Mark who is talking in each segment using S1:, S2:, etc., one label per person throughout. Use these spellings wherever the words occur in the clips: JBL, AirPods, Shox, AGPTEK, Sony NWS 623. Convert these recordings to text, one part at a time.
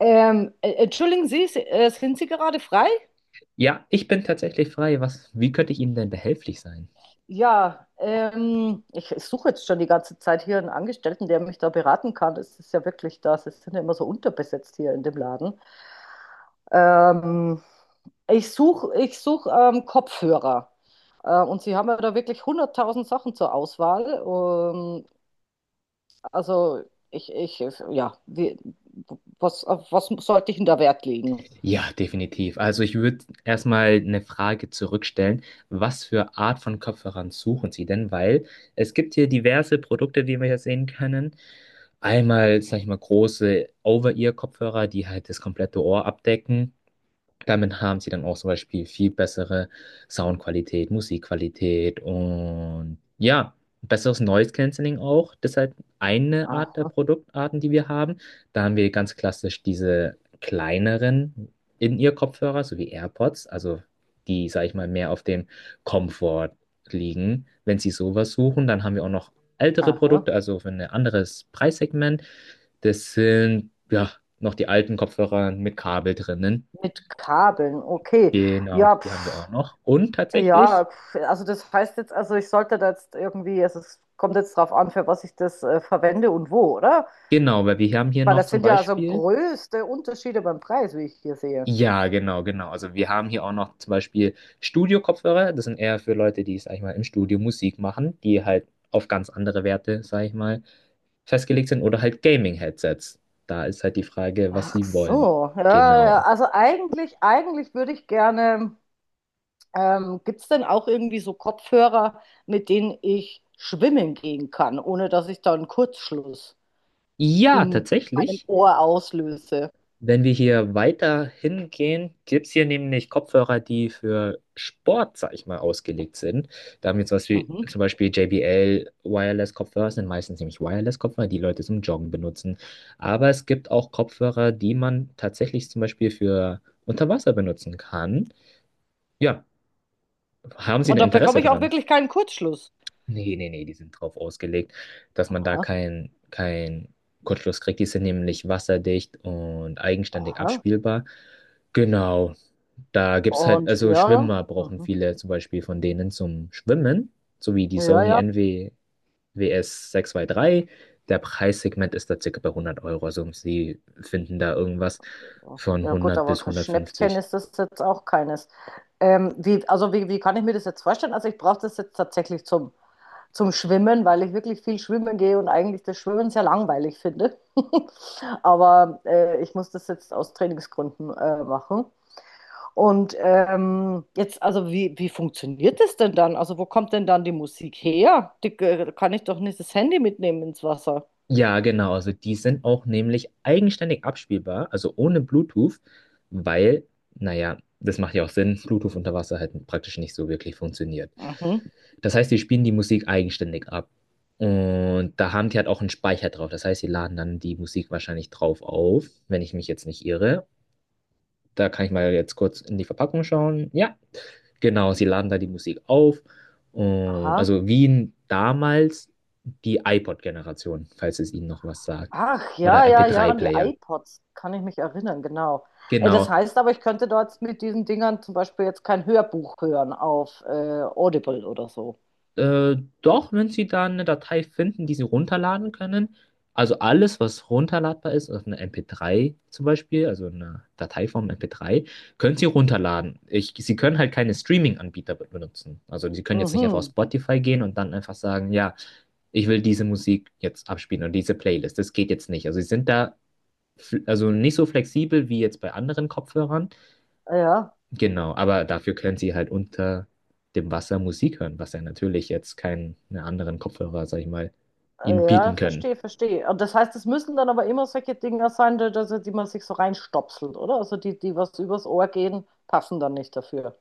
S1: Entschuldigen Sie, sind Sie gerade frei?
S2: Ja, ich bin tatsächlich frei. Wie könnte ich Ihnen denn behilflich sein?
S1: Ja, ich suche jetzt schon die ganze Zeit hier einen Angestellten, der mich da beraten kann. Es ist ja wirklich das, es sind ja immer so unterbesetzt hier in dem Laden. Ähm, ich suche Kopfhörer. Und Sie haben ja da wirklich hunderttausend Sachen zur Auswahl. Also ich, ich, ja, wie, was, auf was sollte ich denn da Wert legen?
S2: Ja, definitiv. Also ich würde erstmal eine Frage zurückstellen. Was für Art von Kopfhörern suchen Sie denn? Weil es gibt hier diverse Produkte, die wir hier sehen können. Einmal, sag ich mal, große Over-Ear-Kopfhörer, die halt das komplette Ohr abdecken. Damit haben sie dann auch zum Beispiel viel bessere Soundqualität, Musikqualität und ja, besseres Noise Cancelling auch. Das ist halt eine Art der
S1: Aha,
S2: Produktarten, die wir haben. Da haben wir ganz klassisch diese kleineren In-Ear-Kopfhörer, so wie AirPods, also die, sag ich mal, mehr auf dem Komfort liegen. Wenn sie sowas suchen, dann haben wir auch noch ältere
S1: aha.
S2: Produkte, also für ein anderes Preissegment. Das sind, ja, noch die alten Kopfhörer mit Kabel drinnen.
S1: Mit Kabeln, okay.
S2: Genau,
S1: Ja,
S2: die haben wir auch
S1: pf,
S2: noch. Und
S1: ja,
S2: tatsächlich,
S1: pf, also das heißt jetzt, also ich sollte da jetzt irgendwie, also es kommt jetzt drauf an, für was ich das verwende und wo, oder?
S2: genau, weil wir haben hier
S1: Weil
S2: noch
S1: das
S2: zum
S1: sind ja also
S2: Beispiel,
S1: größte Unterschiede beim Preis, wie ich hier sehe.
S2: ja, genau, genau. Also wir haben hier auch noch zum Beispiel Studio-Kopfhörer. Das sind eher für Leute, die, sag ich mal, im Studio Musik machen, die halt auf ganz andere Werte, sag ich mal, festgelegt sind oder halt Gaming-Headsets. Da ist halt die Frage, was
S1: Ach
S2: sie wollen.
S1: so, ja, ja, ja.
S2: Genau.
S1: Also eigentlich würde ich gerne, gibt es denn auch irgendwie so Kopfhörer, mit denen ich schwimmen gehen kann, ohne dass ich da einen Kurzschluss
S2: Ja,
S1: in meinem
S2: tatsächlich.
S1: Ohr auslöse?
S2: Wenn wir hier weiter hingehen, gibt es hier nämlich Kopfhörer, die für Sport, sag ich mal, ausgelegt sind. Da haben wir zum Beispiel,
S1: Mhm.
S2: JBL Wireless-Kopfhörer, sind meistens nämlich Wireless-Kopfhörer, die Leute zum Joggen benutzen. Aber es gibt auch Kopfhörer, die man tatsächlich zum Beispiel für unter Wasser benutzen kann. Ja, haben Sie ein
S1: Und da
S2: Interesse
S1: bekomme ich auch
S2: dran?
S1: wirklich keinen Kurzschluss.
S2: Nee, nee, nee, die sind drauf ausgelegt, dass man da
S1: Aha,
S2: keinen kein Kurzschluss kriegt. Die sind nämlich wasserdicht und eigenständig
S1: aha.
S2: abspielbar. Genau. Da gibt's halt,
S1: Und
S2: also
S1: ja,
S2: Schwimmer brauchen
S1: mhm,
S2: viele zum Beispiel von denen zum Schwimmen, so wie die
S1: ja,
S2: Sony
S1: ja.
S2: NWS 623. Der Preissegment ist da circa bei 100 Euro, also sie finden da irgendwas von
S1: Ja gut,
S2: 100
S1: aber
S2: bis
S1: kein Schnäppchen
S2: 150.
S1: ist das jetzt auch keines. Also wie kann ich mir das jetzt vorstellen? Also ich brauche das jetzt tatsächlich zum, zum Schwimmen, weil ich wirklich viel schwimmen gehe und eigentlich das Schwimmen sehr langweilig finde. Aber ich muss das jetzt aus Trainingsgründen machen. Und wie funktioniert das denn dann? Also wo kommt denn dann die Musik her? Die, kann ich doch nicht das Handy mitnehmen ins Wasser.
S2: Ja, genau. Also die sind auch nämlich eigenständig abspielbar, also ohne Bluetooth, weil, naja, das macht ja auch Sinn, Bluetooth unter Wasser halt praktisch nicht so wirklich funktioniert.
S1: Mhm.
S2: Das heißt, die spielen die Musik eigenständig ab. Und da haben die halt auch einen Speicher drauf. Das heißt, sie laden dann die Musik wahrscheinlich drauf auf, wenn ich mich jetzt nicht irre. Da kann ich mal jetzt kurz in die Verpackung schauen. Ja, genau, sie laden da die Musik auf. Und
S1: Aha.
S2: also Wien damals die iPod-Generation, falls es Ihnen noch was sagt.
S1: Ach, ja,
S2: Oder
S1: ja, ja, an die
S2: MP3-Player.
S1: iPods kann ich mich erinnern, genau. Das
S2: Genau.
S1: heißt aber, ich könnte dort mit diesen Dingern zum Beispiel jetzt kein Hörbuch hören auf Audible oder so.
S2: Doch, wenn Sie da eine Datei finden, die Sie runterladen können. Also alles, was runterladbar ist, also eine MP3 zum Beispiel, also eine Dateiform MP3, können Sie runterladen. Sie können halt keine Streaming-Anbieter benutzen. Also Sie können jetzt nicht einfach auf
S1: Mhm.
S2: Spotify gehen und dann einfach sagen, ja, ich will diese Musik jetzt abspielen und diese Playlist. Das geht jetzt nicht. Also Sie sind da, also nicht so flexibel wie jetzt bei anderen Kopfhörern.
S1: Ja.
S2: Genau, aber dafür können sie halt unter dem Wasser Musik hören, was ja natürlich jetzt keine anderen Kopfhörer, sag ich mal, ihnen
S1: Ja,
S2: bieten können.
S1: verstehe, verstehe. Und das heißt, es müssen dann aber immer solche Dinger sein, die, also die man sich so reinstopselt, oder? Also die, die was übers Ohr gehen, passen dann nicht dafür.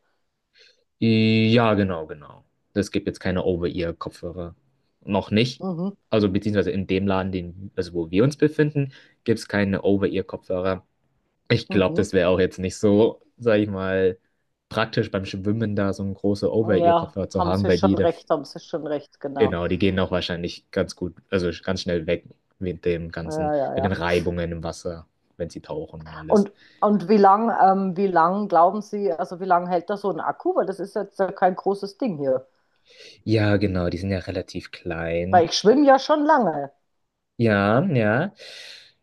S2: Ja, genau, genau. Es gibt jetzt keine Over-Ear-Kopfhörer. Noch nicht.
S1: Mhm,
S2: Also beziehungsweise in dem Laden, den, also wo wir uns befinden, gibt es keine Over-Ear-Kopfhörer. Ich glaube,
S1: mhm.
S2: das wäre auch jetzt nicht so, sag ich mal, praktisch beim Schwimmen da so ein große
S1: Ja,
S2: Over-Ear-Kopfhörer zu
S1: haben
S2: haben,
S1: Sie
S2: weil die.
S1: schon recht, haben Sie schon recht, genau.
S2: Genau, die gehen auch wahrscheinlich ganz gut, also ganz schnell weg mit dem ganzen,
S1: Ja, ja,
S2: mit den
S1: ja.
S2: Reibungen im Wasser, wenn sie tauchen und alles.
S1: Und, und wie lang, Wie lang glauben Sie, also wie lang hält da so ein Akku? Weil das ist jetzt kein großes Ding hier.
S2: Ja, genau, die sind ja relativ klein.
S1: Weil ich schwimme ja schon lange.
S2: Ja, ja.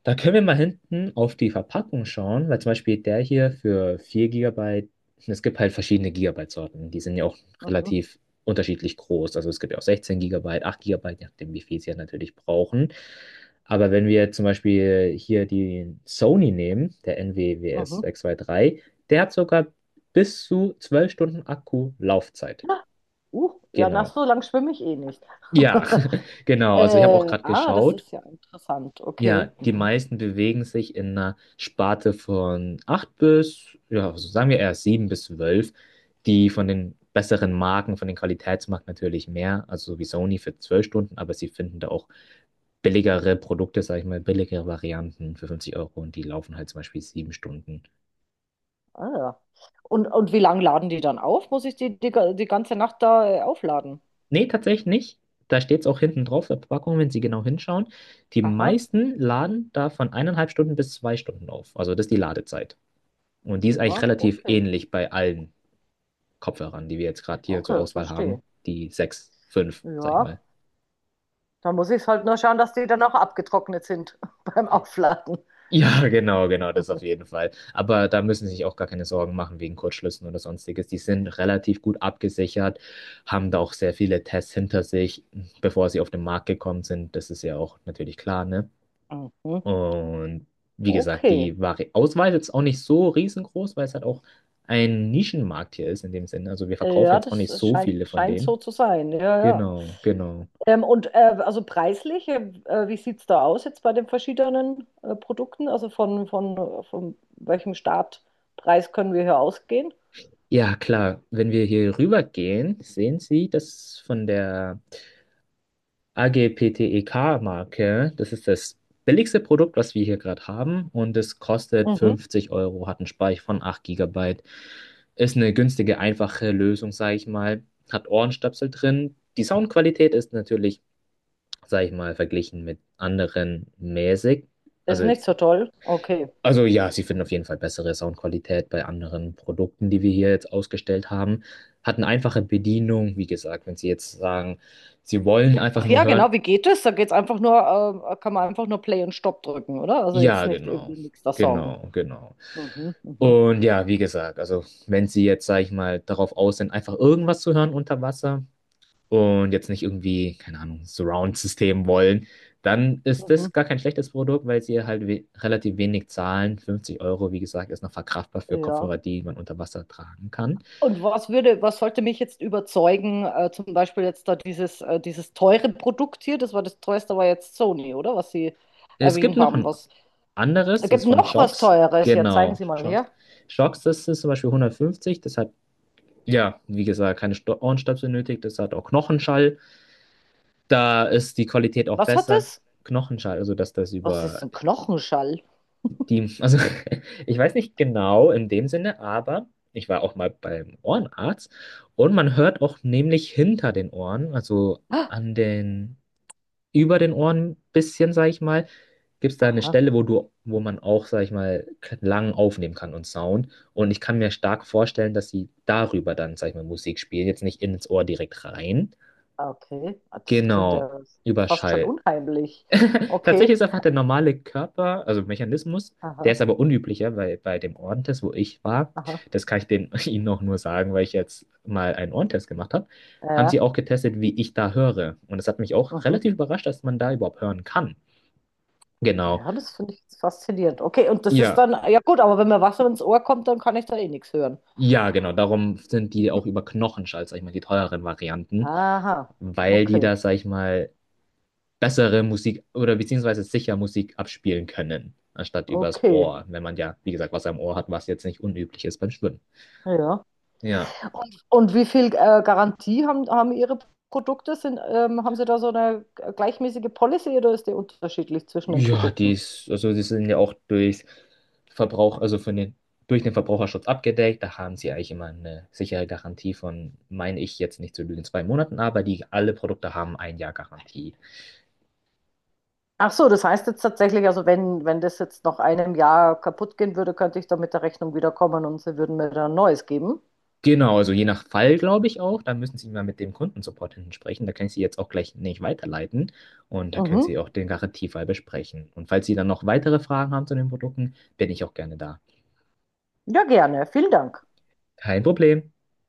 S2: Da können wir mal hinten auf die Verpackung schauen, weil zum Beispiel der hier für 4 Gigabyte. Es gibt halt verschiedene Gigabyte-Sorten, die sind ja auch
S1: Mhm,
S2: relativ unterschiedlich groß. Also es gibt ja auch 16 Gigabyte, 8 Gigabyte, je nachdem, wie viel sie ja natürlich brauchen. Aber wenn wir zum Beispiel hier die Sony nehmen, der NWWS
S1: mhm.
S2: 623, der hat sogar bis zu 12 Stunden Akkulaufzeit.
S1: Ja, uh, ja, nach
S2: Genau.
S1: so lang schwimme ich eh nicht.
S2: Ja, genau. Also ich habe auch gerade
S1: Das
S2: geschaut.
S1: ist ja interessant.
S2: Ja,
S1: Okay.
S2: die
S1: Mhm.
S2: meisten bewegen sich in einer Sparte von 8 bis, ja, also sagen wir eher 7 bis 12. Die von den besseren Marken, von den Qualitätsmarken natürlich mehr, also so wie Sony für 12 Stunden, aber sie finden da auch billigere Produkte, sag ich mal, billigere Varianten für 50 Euro und die laufen halt zum Beispiel 7 Stunden.
S1: Ah, ja. Und wie lange laden die dann auf? Muss ich die ganze Nacht da aufladen?
S2: Nee, tatsächlich nicht. Da steht es auch hinten drauf, der Packung, wenn Sie genau hinschauen. Die
S1: Aha.
S2: meisten laden da von 1,5 Stunden bis 2 Stunden auf. Also das ist die Ladezeit. Und die ist eigentlich
S1: Ja,
S2: relativ
S1: okay.
S2: ähnlich bei allen Kopfhörern, die wir jetzt gerade hier zur
S1: Okay,
S2: Auswahl
S1: verstehe.
S2: haben. Die 6 fünf, sag ich
S1: Ja,
S2: mal.
S1: dann muss ich halt nur schauen, dass die dann auch abgetrocknet sind beim Aufladen.
S2: Ja, genau, genau, das auf jeden Fall. Aber da müssen Sie sich auch gar keine Sorgen machen wegen Kurzschlüssen oder sonstiges. Die sind relativ gut abgesichert, haben da auch sehr viele Tests hinter sich, bevor sie auf den Markt gekommen sind. Das ist ja auch natürlich klar, ne?
S1: Mhm.
S2: Und wie gesagt,
S1: Okay.
S2: die Vari Auswahl ist jetzt auch nicht so riesengroß, weil es halt auch ein Nischenmarkt hier ist in dem Sinne. Also wir verkaufen
S1: Ja,
S2: jetzt auch
S1: das
S2: nicht so
S1: scheint,
S2: viele von
S1: scheint so
S2: denen.
S1: zu sein. Ja, ja.
S2: Genau, genau.
S1: Also preislich, wie sieht es da aus jetzt bei den verschiedenen Produkten? Also von welchem Startpreis können wir hier ausgehen?
S2: Ja, klar. Wenn wir hier rübergehen, sehen Sie das von der AGPTEK-Marke. Das ist das billigste Produkt, was wir hier gerade haben. Und es kostet
S1: Mhm.
S2: 50 Euro, hat einen Speicher von 8 Gigabyte, ist eine günstige, einfache Lösung, sage ich mal. Hat Ohrenstöpsel drin. Die Soundqualität ist natürlich, sage ich mal, verglichen mit anderen mäßig.
S1: Das
S2: Also
S1: ist nicht
S2: jetzt
S1: so toll. Okay.
S2: also ja, sie finden auf jeden Fall bessere Soundqualität bei anderen Produkten, die wir hier jetzt ausgestellt haben. Hat eine einfache Bedienung, wie gesagt, wenn sie jetzt sagen, sie wollen einfach
S1: Ach
S2: nur
S1: ja,
S2: hören.
S1: genau, wie geht das? Da geht's einfach nur, kann man einfach nur Play und Stop drücken, oder? Also jetzt
S2: Ja,
S1: nicht
S2: genau.
S1: irgendwie nächster Song.
S2: Genau, genau.
S1: Mhm, mhm,
S2: Und ja, wie gesagt, also wenn sie jetzt, sag ich mal, darauf aus sind, einfach irgendwas zu hören unter Wasser, und jetzt nicht irgendwie, keine Ahnung, Surround-System wollen, dann ist
S1: mhm,
S2: das gar kein schlechtes Produkt, weil sie halt we relativ wenig zahlen. 50 Euro, wie gesagt, ist noch verkraftbar für
S1: ja.
S2: Kopfhörer, die man unter Wasser tragen kann.
S1: Was sollte mich jetzt überzeugen, zum Beispiel jetzt da dieses teure Produkt hier? Das war das teuerste, war jetzt Sony, oder? Was Sie
S2: Es gibt
S1: erwähnt
S2: noch
S1: haben.
S2: ein
S1: Was,
S2: anderes,
S1: es
S2: das ist
S1: gibt
S2: von
S1: noch was
S2: Shox.
S1: Teures. Ja, zeigen
S2: Genau,
S1: Sie mal
S2: Shox.
S1: her.
S2: Shox, das ist zum Beispiel 150, das hat, ja, wie gesagt, keine Ohrenstöpsel benötigt, das hat auch Knochenschall. Da ist die Qualität auch
S1: Was hat
S2: besser.
S1: es?
S2: Knochenschall, also dass das
S1: Was
S2: über
S1: ist ein Knochenschall?
S2: die, also ich weiß nicht genau in dem Sinne, aber ich war auch mal beim Ohrenarzt und man hört auch nämlich hinter den Ohren, also
S1: Ah,
S2: an den, über den Ohren bisschen, sag ich mal, gibt es da eine
S1: aha,
S2: Stelle, wo man auch, sag ich mal, Klang aufnehmen kann und Sound. Und ich kann mir stark vorstellen, dass sie darüber dann, sag ich mal, Musik spielen, jetzt nicht ins Ohr direkt rein.
S1: ah, okay. Ah, das klingt
S2: Genau,
S1: ja
S2: über
S1: fast schon
S2: Schall.
S1: unheimlich. Okay,
S2: Tatsächlich ist einfach der normale Körper, also Mechanismus, der
S1: aha,
S2: ist aber unüblicher, weil bei dem Ohrentest, wo ich war,
S1: aha.
S2: das kann ich Ihnen auch nur sagen, weil ich jetzt mal einen Ohrentest gemacht habe,
S1: Ja,
S2: haben sie
S1: ja.
S2: auch getestet, wie ich da höre. Und das hat mich auch
S1: Mhm.
S2: relativ überrascht, dass man da überhaupt hören kann. Genau.
S1: Ja, das finde ich jetzt faszinierend. Okay, und das ist
S2: Ja,
S1: dann, ja gut, aber wenn mir Wasser ins Ohr kommt, dann kann ich da eh nichts hören.
S2: ja, genau. Darum sind die auch über Knochenschall, sag ich mal, die teureren Varianten,
S1: Aha,
S2: weil die
S1: okay,
S2: da, sag ich mal, bessere Musik oder beziehungsweise sicher Musik abspielen können, anstatt übers
S1: okay.
S2: Ohr, wenn man ja, wie gesagt, was am Ohr hat, was jetzt nicht unüblich ist beim Schwimmen.
S1: Ja.
S2: Ja.
S1: Und wie viel Garantie haben Ihre Produkte? Sind, haben Sie da so eine gleichmäßige Policy oder ist die unterschiedlich zwischen den
S2: Ja, die
S1: Produkten?
S2: ist, also die sind ja auch durch Verbrauch, also von den, durch den Verbraucherschutz abgedeckt. Da haben sie eigentlich immer eine sichere Garantie von, meine ich jetzt nicht zu lügen, 2 Monaten, aber die alle Produkte haben ein Jahr Garantie.
S1: Ach so, das heißt jetzt tatsächlich, also wenn, wenn das jetzt nach einem Jahr kaputt gehen würde, könnte ich da mit der Rechnung wiederkommen und sie würden mir dann ein neues geben.
S2: Genau, also je nach Fall, glaube ich auch. Da müssen Sie mal mit dem Kundensupport hinten sprechen. Da kann ich Sie jetzt auch gleich nicht weiterleiten. Und da können
S1: Mhm.
S2: Sie auch den Garantiefall besprechen. Und falls Sie dann noch weitere Fragen haben zu den Produkten, bin ich auch gerne da.
S1: Ja, gerne. Vielen Dank.
S2: Kein Problem.